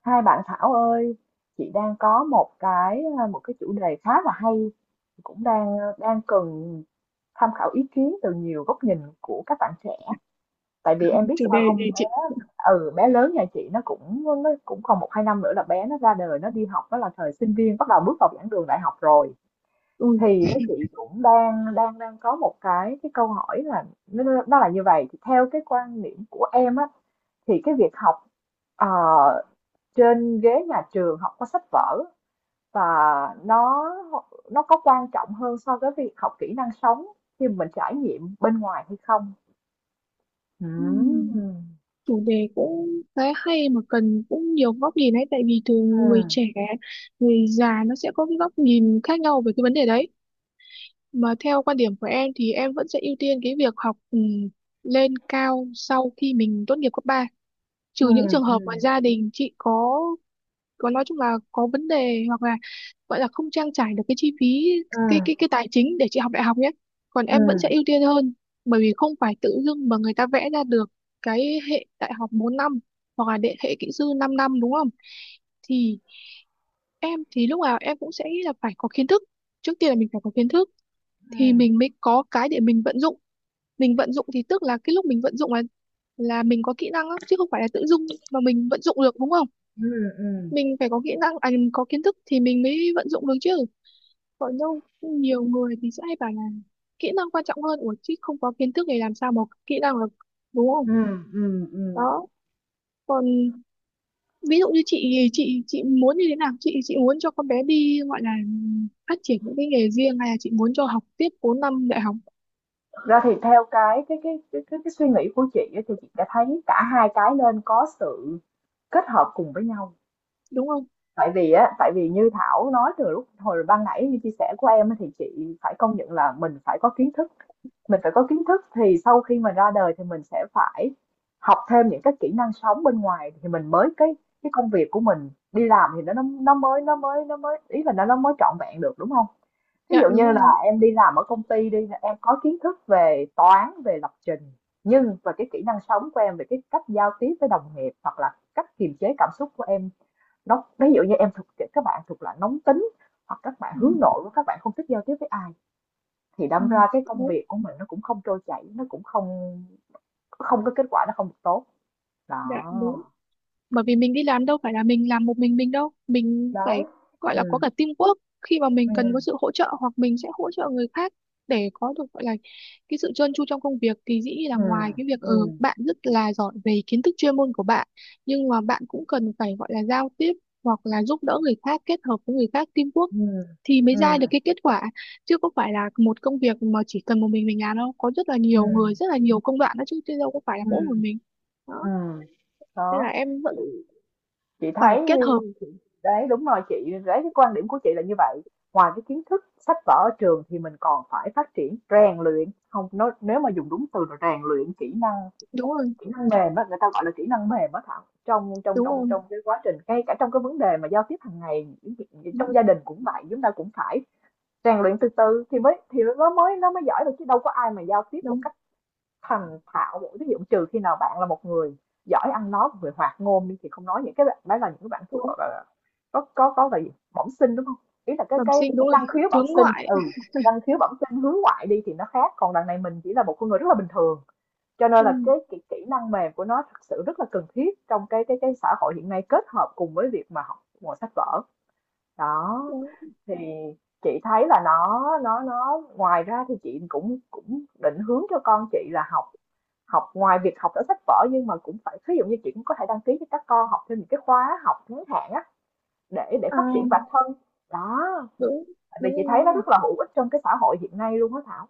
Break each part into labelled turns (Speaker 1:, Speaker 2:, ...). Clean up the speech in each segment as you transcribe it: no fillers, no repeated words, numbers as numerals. Speaker 1: Hai bạn Thảo ơi, chị đang có một cái một cái chủ đề khá là hay cũng đang cần tham khảo ý kiến từ nhiều góc nhìn của các bạn trẻ. Tại vì em biết
Speaker 2: Chủ
Speaker 1: sao
Speaker 2: đề gì
Speaker 1: không bé.
Speaker 2: chị?
Speaker 1: Bé lớn nhà chị nó cũng còn một hai năm nữa là bé nó ra đời, nó đi học, nó là thời sinh viên, bắt đầu bước vào giảng đường đại học rồi.
Speaker 2: Ừ.
Speaker 1: Thì nó Chị cũng đang đang đang có một cái câu hỏi là nó là như vậy. Thì theo cái quan niệm của em á, thì cái việc học ờ, trên ghế nhà trường, học có sách vở và nó nó có quan trọng hơn so với việc học kỹ năng sống khi mình trải nghiệm bên ngoài hay không? Ừ.
Speaker 2: Ừm,
Speaker 1: ừ
Speaker 2: Chủ đề cũng khá hay mà cần cũng nhiều góc nhìn ấy, tại vì thường người
Speaker 1: ừ
Speaker 2: trẻ người già nó sẽ có cái góc nhìn khác nhau về cái vấn đề đấy. Mà theo quan điểm của em thì em vẫn sẽ ưu tiên cái việc học, lên cao sau khi mình tốt nghiệp cấp ba, trừ những trường hợp mà
Speaker 1: ừ
Speaker 2: gia đình chị có còn nói chung là có vấn đề, hoặc là gọi là không trang trải được cái chi phí, cái cái
Speaker 1: ừ
Speaker 2: cái tài chính để chị học đại học nhé. Còn em vẫn sẽ
Speaker 1: ừ
Speaker 2: ưu tiên hơn, bởi vì không phải tự dưng mà người ta vẽ ra được cái hệ đại học 4 năm, hoặc là đệ hệ kỹ sư 5 năm, đúng không? Thì em thì lúc nào em cũng sẽ nghĩ là phải có kiến thức, trước tiên là mình phải có kiến thức thì
Speaker 1: ừ
Speaker 2: mình mới có cái để mình vận dụng. Mình vận dụng thì tức là cái lúc mình vận dụng là mình có kỹ năng á, chứ không phải là tự dưng mà mình vận dụng được, đúng không?
Speaker 1: ừ ừ
Speaker 2: Mình phải có kỹ năng, có kiến thức thì mình mới vận dụng được chứ. Còn đâu nhiều người thì sẽ hay bảo là kỹ năng quan trọng hơn, ủa chứ không có kiến thức thì làm sao mà có kỹ năng được, đúng không?
Speaker 1: ừ Ừm.
Speaker 2: Đó. Còn ví dụ như chị thì chị muốn như thế nào, chị muốn cho con bé đi gọi là phát triển những cái nghề riêng, hay là chị muốn cho học tiếp 4 năm đại học?
Speaker 1: Thực ra thì theo cái suy nghĩ của chị á, thì chị đã thấy cả hai cái nên có sự kết hợp cùng với nhau.
Speaker 2: Đúng không?
Speaker 1: Tại vì như Thảo nói từ lúc hồi ban nãy, như chia sẻ của em á, thì chị phải công nhận là mình phải có kiến thức. Thì sau khi mà ra đời thì mình sẽ phải học thêm những cái kỹ năng sống bên ngoài, thì mình mới cái công việc của mình đi làm thì nó mới nó mới nó mới ý là nó mới trọn vẹn được, đúng không? Ví
Speaker 2: Dạ
Speaker 1: dụ
Speaker 2: đúng
Speaker 1: như là
Speaker 2: rồi.
Speaker 1: em đi làm ở công ty đi, em có kiến thức về toán, về lập trình, nhưng và cái kỹ năng sống của em về cái cách giao tiếp với đồng nghiệp hoặc là cách kiềm chế cảm xúc của em, ví dụ như em thuộc các bạn thuộc loại nóng tính, hoặc các bạn
Speaker 2: Ừ.
Speaker 1: hướng nội, các bạn không thích giao tiếp với ai, thì
Speaker 2: Ừ.
Speaker 1: đâm ra cái công
Speaker 2: Đúng.
Speaker 1: việc của mình nó cũng không trôi chảy, nó cũng không không có kết quả, nó không được tốt.
Speaker 2: Dạ
Speaker 1: Đó.
Speaker 2: đúng. Bởi vì mình đi làm đâu phải là mình làm một mình đâu, mình
Speaker 1: Đấy.
Speaker 2: phải gọi là có
Speaker 1: Ừm,
Speaker 2: cả teamwork, khi mà mình cần có
Speaker 1: ừm,
Speaker 2: sự hỗ trợ hoặc mình sẽ hỗ trợ người khác, để có được gọi là cái sự trơn tru trong công việc, thì dĩ nhiên là ngoài
Speaker 1: ừm,
Speaker 2: cái việc
Speaker 1: ừm,
Speaker 2: bạn rất là giỏi về kiến thức chuyên môn của bạn, nhưng mà bạn cũng cần phải gọi là giao tiếp, hoặc là giúp đỡ người khác, kết hợp với người khác, teamwork,
Speaker 1: ừm,
Speaker 2: thì mới ra
Speaker 1: ừm,
Speaker 2: được cái kết quả. Chứ không phải là một công việc mà chỉ cần một mình làm đâu, có rất là nhiều
Speaker 1: ừm,
Speaker 2: người, rất là nhiều công đoạn đó chứ, chứ đâu có phải là mỗi
Speaker 1: ừm,
Speaker 2: một mình. Đó,
Speaker 1: ừm.
Speaker 2: nên là
Speaker 1: Đó.
Speaker 2: em
Speaker 1: Chị
Speaker 2: vẫn
Speaker 1: chị
Speaker 2: phải
Speaker 1: thấy
Speaker 2: kết hợp.
Speaker 1: đấy, đúng rồi chị, đấy cái quan điểm của chị là như vậy. Ngoài cái kiến thức sách vở ở trường thì mình còn phải phát triển rèn luyện, không nói, nếu mà dùng đúng từ là rèn luyện
Speaker 2: Đúng rồi,
Speaker 1: kỹ năng mềm á, người ta gọi là kỹ năng mềm á Thảo, trong trong
Speaker 2: đúng
Speaker 1: trong
Speaker 2: rồi,
Speaker 1: trong cái quá trình, ngay cả trong cái vấn đề mà giao tiếp hàng ngày, những chuyện- trong
Speaker 2: đúng,
Speaker 1: gia đình cũng vậy, chúng ta cũng phải rèn luyện từ từ thì mới thì nó mới giỏi được, chứ đâu có ai mà giao tiếp một
Speaker 2: đúng,
Speaker 1: cách thành thạo được. Ví dụ trừ khi nào bạn là một người giỏi ăn nói, một người hoạt ngôn đi, thì không nói. Những cái bạn đấy là những cái bạn thuộc gọi
Speaker 2: đúng.
Speaker 1: là có là gì, bẩm sinh đúng không, ý là
Speaker 2: Bẩm sinh đúng
Speaker 1: cái
Speaker 2: rồi.
Speaker 1: năng khiếu bẩm
Speaker 2: Hướng
Speaker 1: sinh,
Speaker 2: ngoại.
Speaker 1: năng khiếu bẩm sinh hướng ngoại đi thì nó khác, còn đằng này mình chỉ là một con người rất là bình thường, cho
Speaker 2: ừ,
Speaker 1: nên là cái kỹ năng mềm của nó thật sự rất là cần thiết trong cái xã hội hiện nay, kết hợp cùng với việc mà học ngồi sách vở. Đó,
Speaker 2: Đúng.
Speaker 1: thì chị thấy là nó ngoài ra thì chị cũng cũng định hướng cho con chị là học học ngoài việc học ở sách vở, nhưng mà cũng phải ví dụ như chị cũng có thể đăng ký cho các con học thêm những cái khóa học ngắn hạn á, để phát triển
Speaker 2: à
Speaker 1: bản thân. Đó,
Speaker 2: Đúng.
Speaker 1: tại vì
Speaker 2: Đúng
Speaker 1: chị thấy nó
Speaker 2: rồi.
Speaker 1: rất là hữu ích trong cái xã hội hiện nay luôn á Thảo.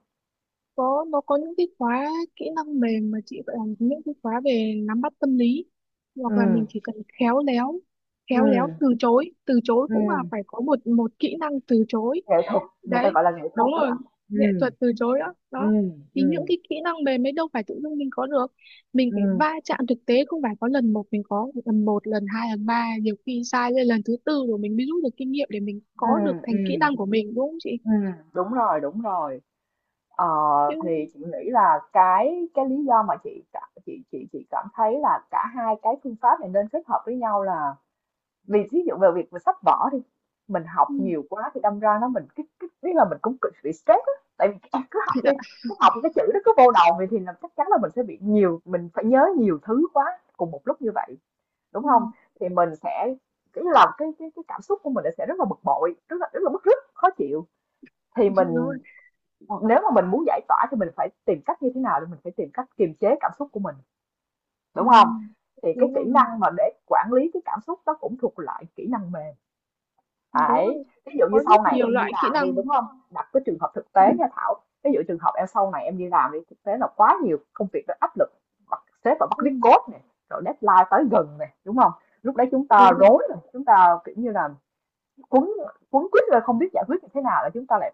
Speaker 2: Có, nó có những cái khóa kỹ năng mềm mà chị gọi là, những cái khóa về nắm bắt tâm lý,
Speaker 1: ừ
Speaker 2: hoặc là mình chỉ cần khéo léo,
Speaker 1: ừ
Speaker 2: khéo léo từ chối, từ chối
Speaker 1: ừ
Speaker 2: cũng là phải có một một kỹ năng từ chối.
Speaker 1: Nghệ thuật, người ta
Speaker 2: Đấy,
Speaker 1: gọi là nghệ thuật
Speaker 2: đúng
Speaker 1: đó
Speaker 2: rồi,
Speaker 1: Thảo.
Speaker 2: nghệ
Speaker 1: ừ
Speaker 2: thuật từ chối đó
Speaker 1: Ừ,
Speaker 2: đó. Thì những
Speaker 1: ừ,
Speaker 2: cái kỹ năng mềm ấy đâu phải tự dưng mình có được, mình phải
Speaker 1: ừ,
Speaker 2: va chạm thực tế, không phải có lần một, mình có lần một lần hai lần ba, nhiều khi sai lên lần thứ tư rồi mình mới rút được kinh nghiệm để mình
Speaker 1: ừ,
Speaker 2: có được
Speaker 1: ừ,
Speaker 2: thành kỹ năng của mình, đúng không chị?
Speaker 1: ừm, đúng rồi, đúng rồi. Ờ,
Speaker 2: Chứ
Speaker 1: thì chị nghĩ là cái lý do mà chị cảm thấy là cả hai cái phương pháp này nên kết hợp với nhau là vì ví dụ về việc về sách vở đi, mình học
Speaker 2: ừ,
Speaker 1: nhiều quá thì đâm ra nó mình cái biết là mình cũng cực bị stress á, tại vì em cứ học
Speaker 2: chị
Speaker 1: đi,
Speaker 2: đã-
Speaker 1: cứ học cái chữ đó cứ vô đầu vậy, thì là chắc chắn là mình sẽ bị nhiều mình phải nhớ nhiều thứ quá cùng một lúc như vậy đúng
Speaker 2: ừ,
Speaker 1: không, thì mình sẽ cái là cái cảm xúc của mình sẽ rất là bực bội, rất là bức rứt khó chịu, thì
Speaker 2: đúng rồi.
Speaker 1: mình nếu mà mình muốn giải tỏa thì mình phải tìm cách như thế nào, thì mình phải tìm cách kiềm chế cảm xúc của mình
Speaker 2: ừ,
Speaker 1: đúng không, thì cái
Speaker 2: Đúng
Speaker 1: kỹ
Speaker 2: rồi,
Speaker 1: năng mà để quản lý cái cảm xúc đó cũng thuộc loại kỹ năng mềm.
Speaker 2: đúng
Speaker 1: Đấy,
Speaker 2: rồi.
Speaker 1: ví dụ như
Speaker 2: Có
Speaker 1: sau
Speaker 2: rất
Speaker 1: này
Speaker 2: nhiều
Speaker 1: em đi
Speaker 2: loại kỹ
Speaker 1: làm đi
Speaker 2: năng.
Speaker 1: đúng không? Đặt cái trường hợp thực
Speaker 2: ừ,
Speaker 1: tế nha Thảo. Ví dụ trường hợp em sau này em đi làm đi, thực tế là quá nhiều công việc nó áp lực, bắt sếp và bắt
Speaker 2: ừ,
Speaker 1: viết code này, rồi deadline tới gần này, đúng không? Lúc đấy chúng ta
Speaker 2: Đúng rồi.
Speaker 1: rối rồi, chúng ta kiểu như là quấn quấn quýt rồi không biết giải quyết như thế nào, là chúng ta lại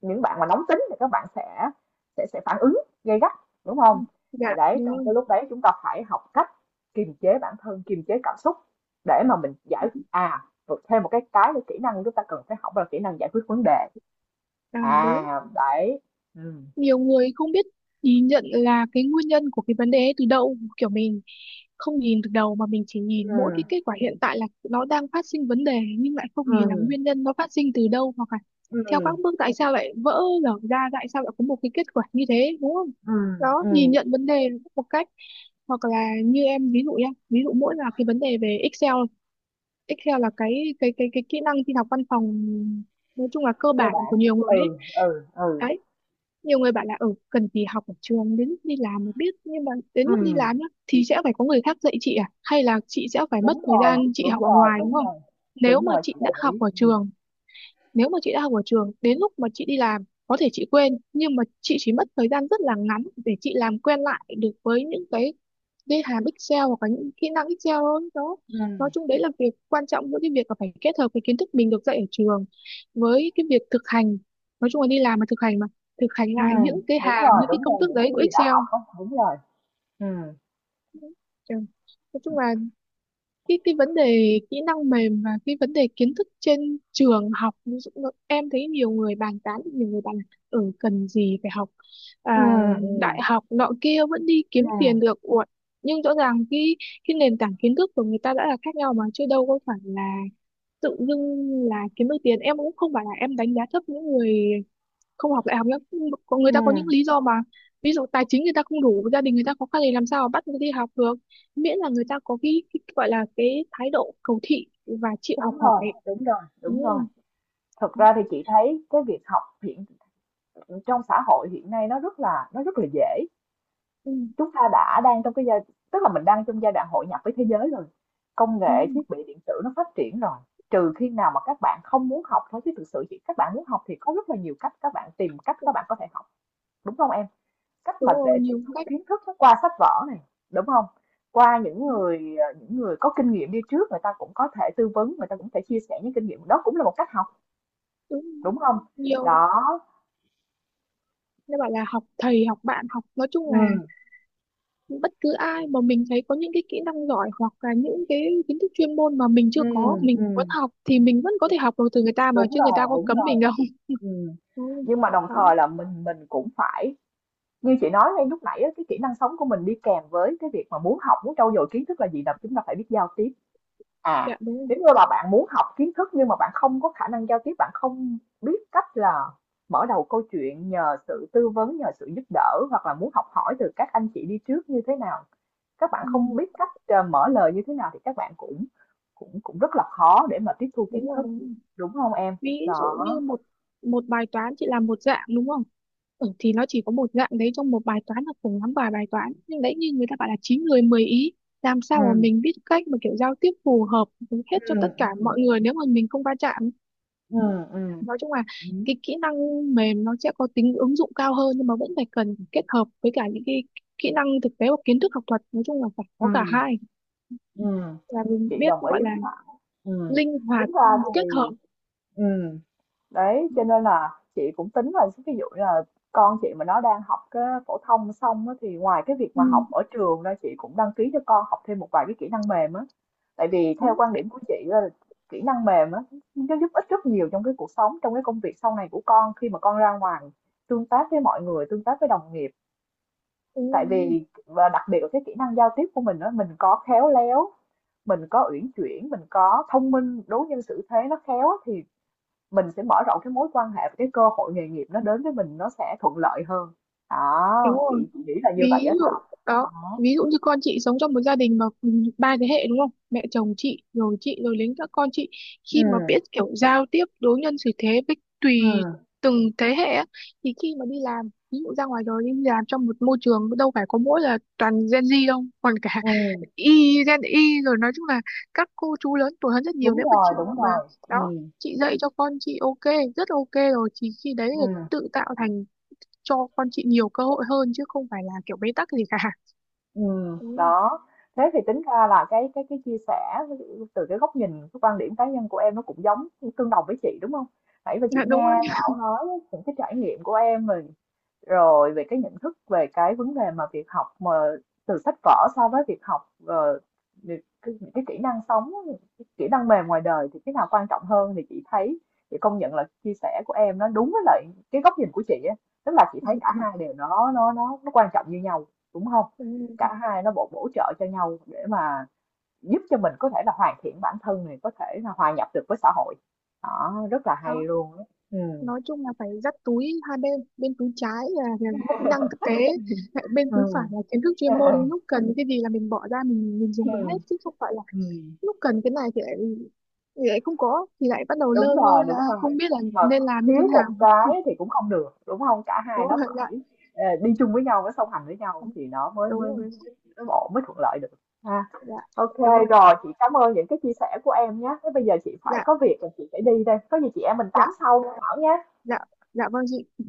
Speaker 1: những bạn mà nóng tính thì các bạn sẽ phản ứng gay gắt, đúng
Speaker 2: Ừ.
Speaker 1: không? Thì
Speaker 2: Dạ
Speaker 1: đấy,
Speaker 2: đúng
Speaker 1: trong
Speaker 2: rồi.
Speaker 1: cái lúc đấy chúng ta phải học cách kiềm chế bản thân, kiềm chế cảm xúc để mà rồi thêm một cái kỹ năng chúng ta cần phải học là kỹ năng giải quyết vấn đề.
Speaker 2: À
Speaker 1: À,
Speaker 2: đúng.
Speaker 1: đấy. ừ
Speaker 2: Nhiều người không biết nhìn nhận là cái nguyên nhân của cái vấn đề ấy từ đâu, kiểu mình không nhìn từ đầu mà mình chỉ nhìn
Speaker 1: ừ
Speaker 2: mỗi cái kết quả hiện tại là nó đang phát sinh vấn đề, nhưng lại không nhìn là
Speaker 1: ừ
Speaker 2: nguyên nhân nó phát sinh từ đâu, hoặc là theo
Speaker 1: ừ
Speaker 2: các bước, tại sao lại vỡ lở ra, tại sao lại có một cái kết quả như thế, đúng không?
Speaker 1: ừm,
Speaker 2: Đó, nhìn
Speaker 1: ừm,
Speaker 2: nhận vấn đề một cách, hoặc là như em ví dụ nhá, ví dụ mỗi là cái vấn đề về Excel. Excel là cái kỹ năng tin học văn phòng, nói chung là cơ
Speaker 1: cơ
Speaker 2: bản của
Speaker 1: bản.
Speaker 2: nhiều người ấy.
Speaker 1: Ừ, ừ, ừ,
Speaker 2: Đấy, nhiều người bảo là ừ cần gì học ở trường, đến lúc đi làm mới biết, nhưng mà đến lúc đi
Speaker 1: ừm,
Speaker 2: làm nhá thì sẽ phải có người khác dạy chị, à hay là chị sẽ phải mất
Speaker 1: đúng
Speaker 2: thời
Speaker 1: rồi,
Speaker 2: gian chị
Speaker 1: đúng
Speaker 2: học ở
Speaker 1: rồi,
Speaker 2: ngoài, đúng
Speaker 1: đúng
Speaker 2: không?
Speaker 1: rồi,
Speaker 2: nếu
Speaker 1: đúng
Speaker 2: mà
Speaker 1: rồi, chị
Speaker 2: chị đã
Speaker 1: đồng
Speaker 2: học
Speaker 1: ý.
Speaker 2: ở trường Nếu mà chị đã học ở trường, đến lúc mà chị đi làm có thể chị quên, nhưng mà chị chỉ mất thời gian rất là ngắn để chị làm quen lại được với những cái hàm Excel, hoặc là những kỹ năng Excel thôi đó. Nói
Speaker 1: ừ
Speaker 2: chung đấy là việc quan trọng, giữa cái việc là phải kết hợp cái kiến thức mình được dạy ở trường với cái việc thực hành, nói chung là đi làm mà thực hành, mà thực hành
Speaker 1: ừ
Speaker 2: lại những cái hàm, những cái
Speaker 1: đúng
Speaker 2: công
Speaker 1: rồi,
Speaker 2: thức
Speaker 1: những
Speaker 2: đấy
Speaker 1: cái
Speaker 2: của
Speaker 1: gì đã
Speaker 2: Excel.
Speaker 1: học á, đúng rồi. Ừ,
Speaker 2: Ừ. Nói chung là cái vấn đề kỹ năng mềm và cái vấn đề kiến thức trên trường học, ví dụ như em thấy nhiều người bàn tán, nhiều người bàn là cần gì phải học
Speaker 1: ừ,
Speaker 2: à,
Speaker 1: ừ,
Speaker 2: đại học nọ kia vẫn đi
Speaker 1: ừ,
Speaker 2: kiếm tiền được. Ủa, nhưng rõ ràng cái nền tảng kiến thức của người ta đã là khác nhau mà, chứ đâu có phải là tự dưng là kiếm được tiền. Em cũng không phải là em đánh giá thấp những người không học đại học nữa, có người ta có những
Speaker 1: ừm,
Speaker 2: lý do mà, ví dụ tài chính người ta không đủ, gia đình người ta khó khăn thì làm sao mà bắt người ta đi học được, miễn là người ta có cái gọi là cái thái độ cầu thị và chịu học
Speaker 1: đúng rồi,
Speaker 2: hỏi,
Speaker 1: đúng rồi,
Speaker 2: đúng
Speaker 1: đúng rồi.
Speaker 2: không?
Speaker 1: Thật
Speaker 2: Đó.
Speaker 1: ra thì chị thấy cái việc học trong xã hội hiện nay nó rất là dễ.
Speaker 2: Ừ.
Speaker 1: Chúng ta đang trong cái tức là mình đang trong giai đoạn hội nhập với thế giới rồi. Công nghệ,
Speaker 2: Đúng rồi.
Speaker 1: thiết bị điện tử nó phát triển rồi. Trừ khi nào mà các bạn không muốn học thôi, chứ thực sự các bạn muốn học thì có rất là nhiều cách, các bạn tìm cách các bạn có thể học. Đúng không em? Cách mà
Speaker 2: Đúng
Speaker 1: để
Speaker 2: rồi,
Speaker 1: tiếp
Speaker 2: nhiều
Speaker 1: thu
Speaker 2: cách.
Speaker 1: kiến thức nó qua sách vở này, đúng không? Qua những
Speaker 2: Đúng,
Speaker 1: người, những người có kinh nghiệm đi trước, người ta cũng có thể tư vấn, người ta cũng thể chia sẻ những kinh nghiệm, đó cũng là một cách học,
Speaker 2: đúng.
Speaker 1: đúng không?
Speaker 2: Nhiều,
Speaker 1: Đó,
Speaker 2: nên bảo là học thầy học bạn, học nói chung là
Speaker 1: ừm,
Speaker 2: bất cứ ai mà mình thấy có những cái kỹ năng giỏi, hoặc là những cái kiến thức chuyên môn mà mình chưa có,
Speaker 1: ừm,
Speaker 2: mình vẫn
Speaker 1: ừm,
Speaker 2: học, thì mình vẫn có thể học được từ người ta mà,
Speaker 1: đúng
Speaker 2: chứ người
Speaker 1: rồi,
Speaker 2: ta có
Speaker 1: đúng
Speaker 2: cấm
Speaker 1: rồi,
Speaker 2: mình đâu
Speaker 1: ừm.
Speaker 2: đúng rồi.
Speaker 1: Nhưng mà đồng
Speaker 2: Đó.
Speaker 1: thời là mình cũng phải như chị nói ngay lúc nãy á, cái kỹ năng sống của mình đi kèm với cái việc mà muốn học, muốn trau dồi kiến thức là gì? Là chúng ta phải biết giao tiếp.
Speaker 2: Dạ
Speaker 1: À,
Speaker 2: đúng rồi.
Speaker 1: nếu như là bạn muốn học kiến thức nhưng mà bạn không có khả năng giao tiếp, bạn không biết cách là mở đầu câu chuyện, nhờ sự tư vấn, nhờ sự giúp đỡ hoặc là muốn học hỏi từ các anh chị đi trước như thế nào, các bạn
Speaker 2: Ừ.
Speaker 1: không biết cách mở lời như thế nào, thì các bạn cũng cũng cũng rất là khó để mà tiếp thu kiến
Speaker 2: Đúng rồi,
Speaker 1: thức, đúng không em?
Speaker 2: ví dụ. Như
Speaker 1: Đó.
Speaker 2: một một bài toán chị làm một dạng đúng không ừ, thì nó chỉ có một dạng đấy trong một bài toán là cùng lắm vài bài toán nhưng đấy như người ta bảo là chín người 10 ý làm
Speaker 1: Ừ,
Speaker 2: sao mà mình biết cách mà kiểu giao tiếp phù hợp với hết
Speaker 1: ừ,
Speaker 2: cho tất cả
Speaker 1: ừ,
Speaker 2: mọi người nếu mà mình không va chạm
Speaker 1: ừ, ừ,
Speaker 2: nói chung là
Speaker 1: ừ,
Speaker 2: cái kỹ năng mềm nó sẽ có tính ứng dụng cao hơn nhưng mà vẫn phải cần kết hợp với cả những cái kỹ năng thực tế hoặc kiến thức học thuật nói chung là phải có cả
Speaker 1: ừ,
Speaker 2: hai
Speaker 1: ừ.
Speaker 2: là mình
Speaker 1: Chị
Speaker 2: biết
Speaker 1: đồng ý
Speaker 2: gọi là
Speaker 1: với bạn. Ừ.
Speaker 2: linh hoạt
Speaker 1: Tính ra thì
Speaker 2: kết hợp
Speaker 1: ừ. Đấy, cho nên là chị cũng tính là ví dụ như là con chị mà nó đang học cái phổ thông xong á, thì ngoài cái việc
Speaker 2: ừ.
Speaker 1: mà học ở trường ra, chị cũng đăng ký cho con học thêm một vài cái kỹ năng mềm á. Tại vì
Speaker 2: ừ,
Speaker 1: theo quan điểm của chị là kỹ năng mềm á nó giúp ích rất nhiều trong cái cuộc sống, trong cái công việc sau này của con khi mà con ra ngoài tương tác với mọi người, tương tác với đồng nghiệp.
Speaker 2: ừ.
Speaker 1: Tại vì và đặc biệt là cái kỹ năng giao tiếp của mình đó, mình có khéo léo, mình có uyển chuyển, mình có thông minh, đối nhân xử thế nó khéo á, thì mình sẽ mở rộng cái mối quan hệ, và cái cơ hội nghề nghiệp nó đến với mình nó sẽ thuận lợi hơn.
Speaker 2: đúng
Speaker 1: Đó,
Speaker 2: rồi
Speaker 1: chị nghĩ là như vậy
Speaker 2: ví
Speaker 1: á
Speaker 2: dụ
Speaker 1: Thảo.
Speaker 2: đó,
Speaker 1: Đó.
Speaker 2: ví dụ như con chị sống trong một gia đình mà cùng ba thế hệ, đúng không, mẹ chồng chị rồi đến các con chị,
Speaker 1: ừ
Speaker 2: khi mà biết kiểu giao tiếp đối nhân xử thế với tùy
Speaker 1: ừm,
Speaker 2: từng thế hệ á, thì khi mà đi làm ví dụ ra ngoài đời đi làm trong một môi trường, đâu phải có mỗi là toàn Gen Z đâu, còn cả
Speaker 1: ừm,
Speaker 2: Y Gen Y rồi, nói chung là các cô chú lớn tuổi hơn rất nhiều,
Speaker 1: đúng
Speaker 2: nếu mà
Speaker 1: rồi,
Speaker 2: chị
Speaker 1: đúng
Speaker 2: mà,
Speaker 1: rồi.
Speaker 2: đó, chị dạy cho con chị ok, rất ok rồi, thì khi đấy là
Speaker 1: Ừm.
Speaker 2: tự tạo thành cho con chị nhiều cơ hội hơn, chứ không phải là kiểu bế tắc gì cả. Ừ,
Speaker 1: Đó.
Speaker 2: ừ,
Speaker 1: Thế thì tính ra là cái chia sẻ từ cái góc nhìn, cái quan điểm cá nhân của em nó cũng tương đồng với chị, đúng không? Nãy giờ chị
Speaker 2: dạ đúng
Speaker 1: nghe
Speaker 2: rồi.
Speaker 1: Thảo nói những cái trải nghiệm của em rồi, về cái nhận thức về cái vấn đề mà việc học mà từ sách vở so với việc học, ờ, những cái kỹ năng sống, những cái kỹ năng mềm ngoài đời thì cái nào quan trọng hơn, thì chị thấy chị công nhận là chia sẻ của em nó đúng với lại cái góc nhìn của chị á, tức là chị thấy cả hai đều nó quan trọng như nhau, đúng không?
Speaker 2: Ừ.
Speaker 1: Cả hai nó bổ bổ trợ cho nhau để mà giúp cho mình có thể là hoàn thiện bản thân này, có thể là hòa nhập được với xã hội. Đó, rất là hay
Speaker 2: Đó,
Speaker 1: luôn á. Ừm.
Speaker 2: nói chung là phải dắt túi hai bên, bên túi trái là kỹ năng thực tế, lại bên túi phải
Speaker 1: Ừm,
Speaker 2: là kiến thức chuyên môn,
Speaker 1: ừm,
Speaker 2: lúc cần cái gì là mình bỏ ra, mình dùng được hết,
Speaker 1: ừm,
Speaker 2: chứ không phải là lúc cần cái này thì lại, không có, thì lại bắt đầu
Speaker 1: Đúng
Speaker 2: lơ mơ
Speaker 1: rồi,
Speaker 2: là
Speaker 1: đúng rồi.
Speaker 2: không biết là
Speaker 1: Mà
Speaker 2: nên làm như thế
Speaker 1: thiếu
Speaker 2: nào.
Speaker 1: một cái thì cũng không được, đúng không? Cả hai
Speaker 2: Đúng
Speaker 1: nó
Speaker 2: rồi.
Speaker 1: phải,
Speaker 2: Dạ
Speaker 1: đi chung với nhau, nó song hành với nhau, thì nó mới
Speaker 2: đúng rồi.
Speaker 1: mới ổn, mới thuận lợi được ha.
Speaker 2: Dạ
Speaker 1: Ok
Speaker 2: đúng rồi.
Speaker 1: rồi, chị cảm ơn những cái chia sẻ của em nhé. Thế bây giờ chị phải
Speaker 2: Dạ.
Speaker 1: có việc rồi, chị phải đi đây, có gì chị em mình tám
Speaker 2: Dạ.
Speaker 1: sau nha Thảo nhá.
Speaker 2: Dạ. Dạ vâng chị.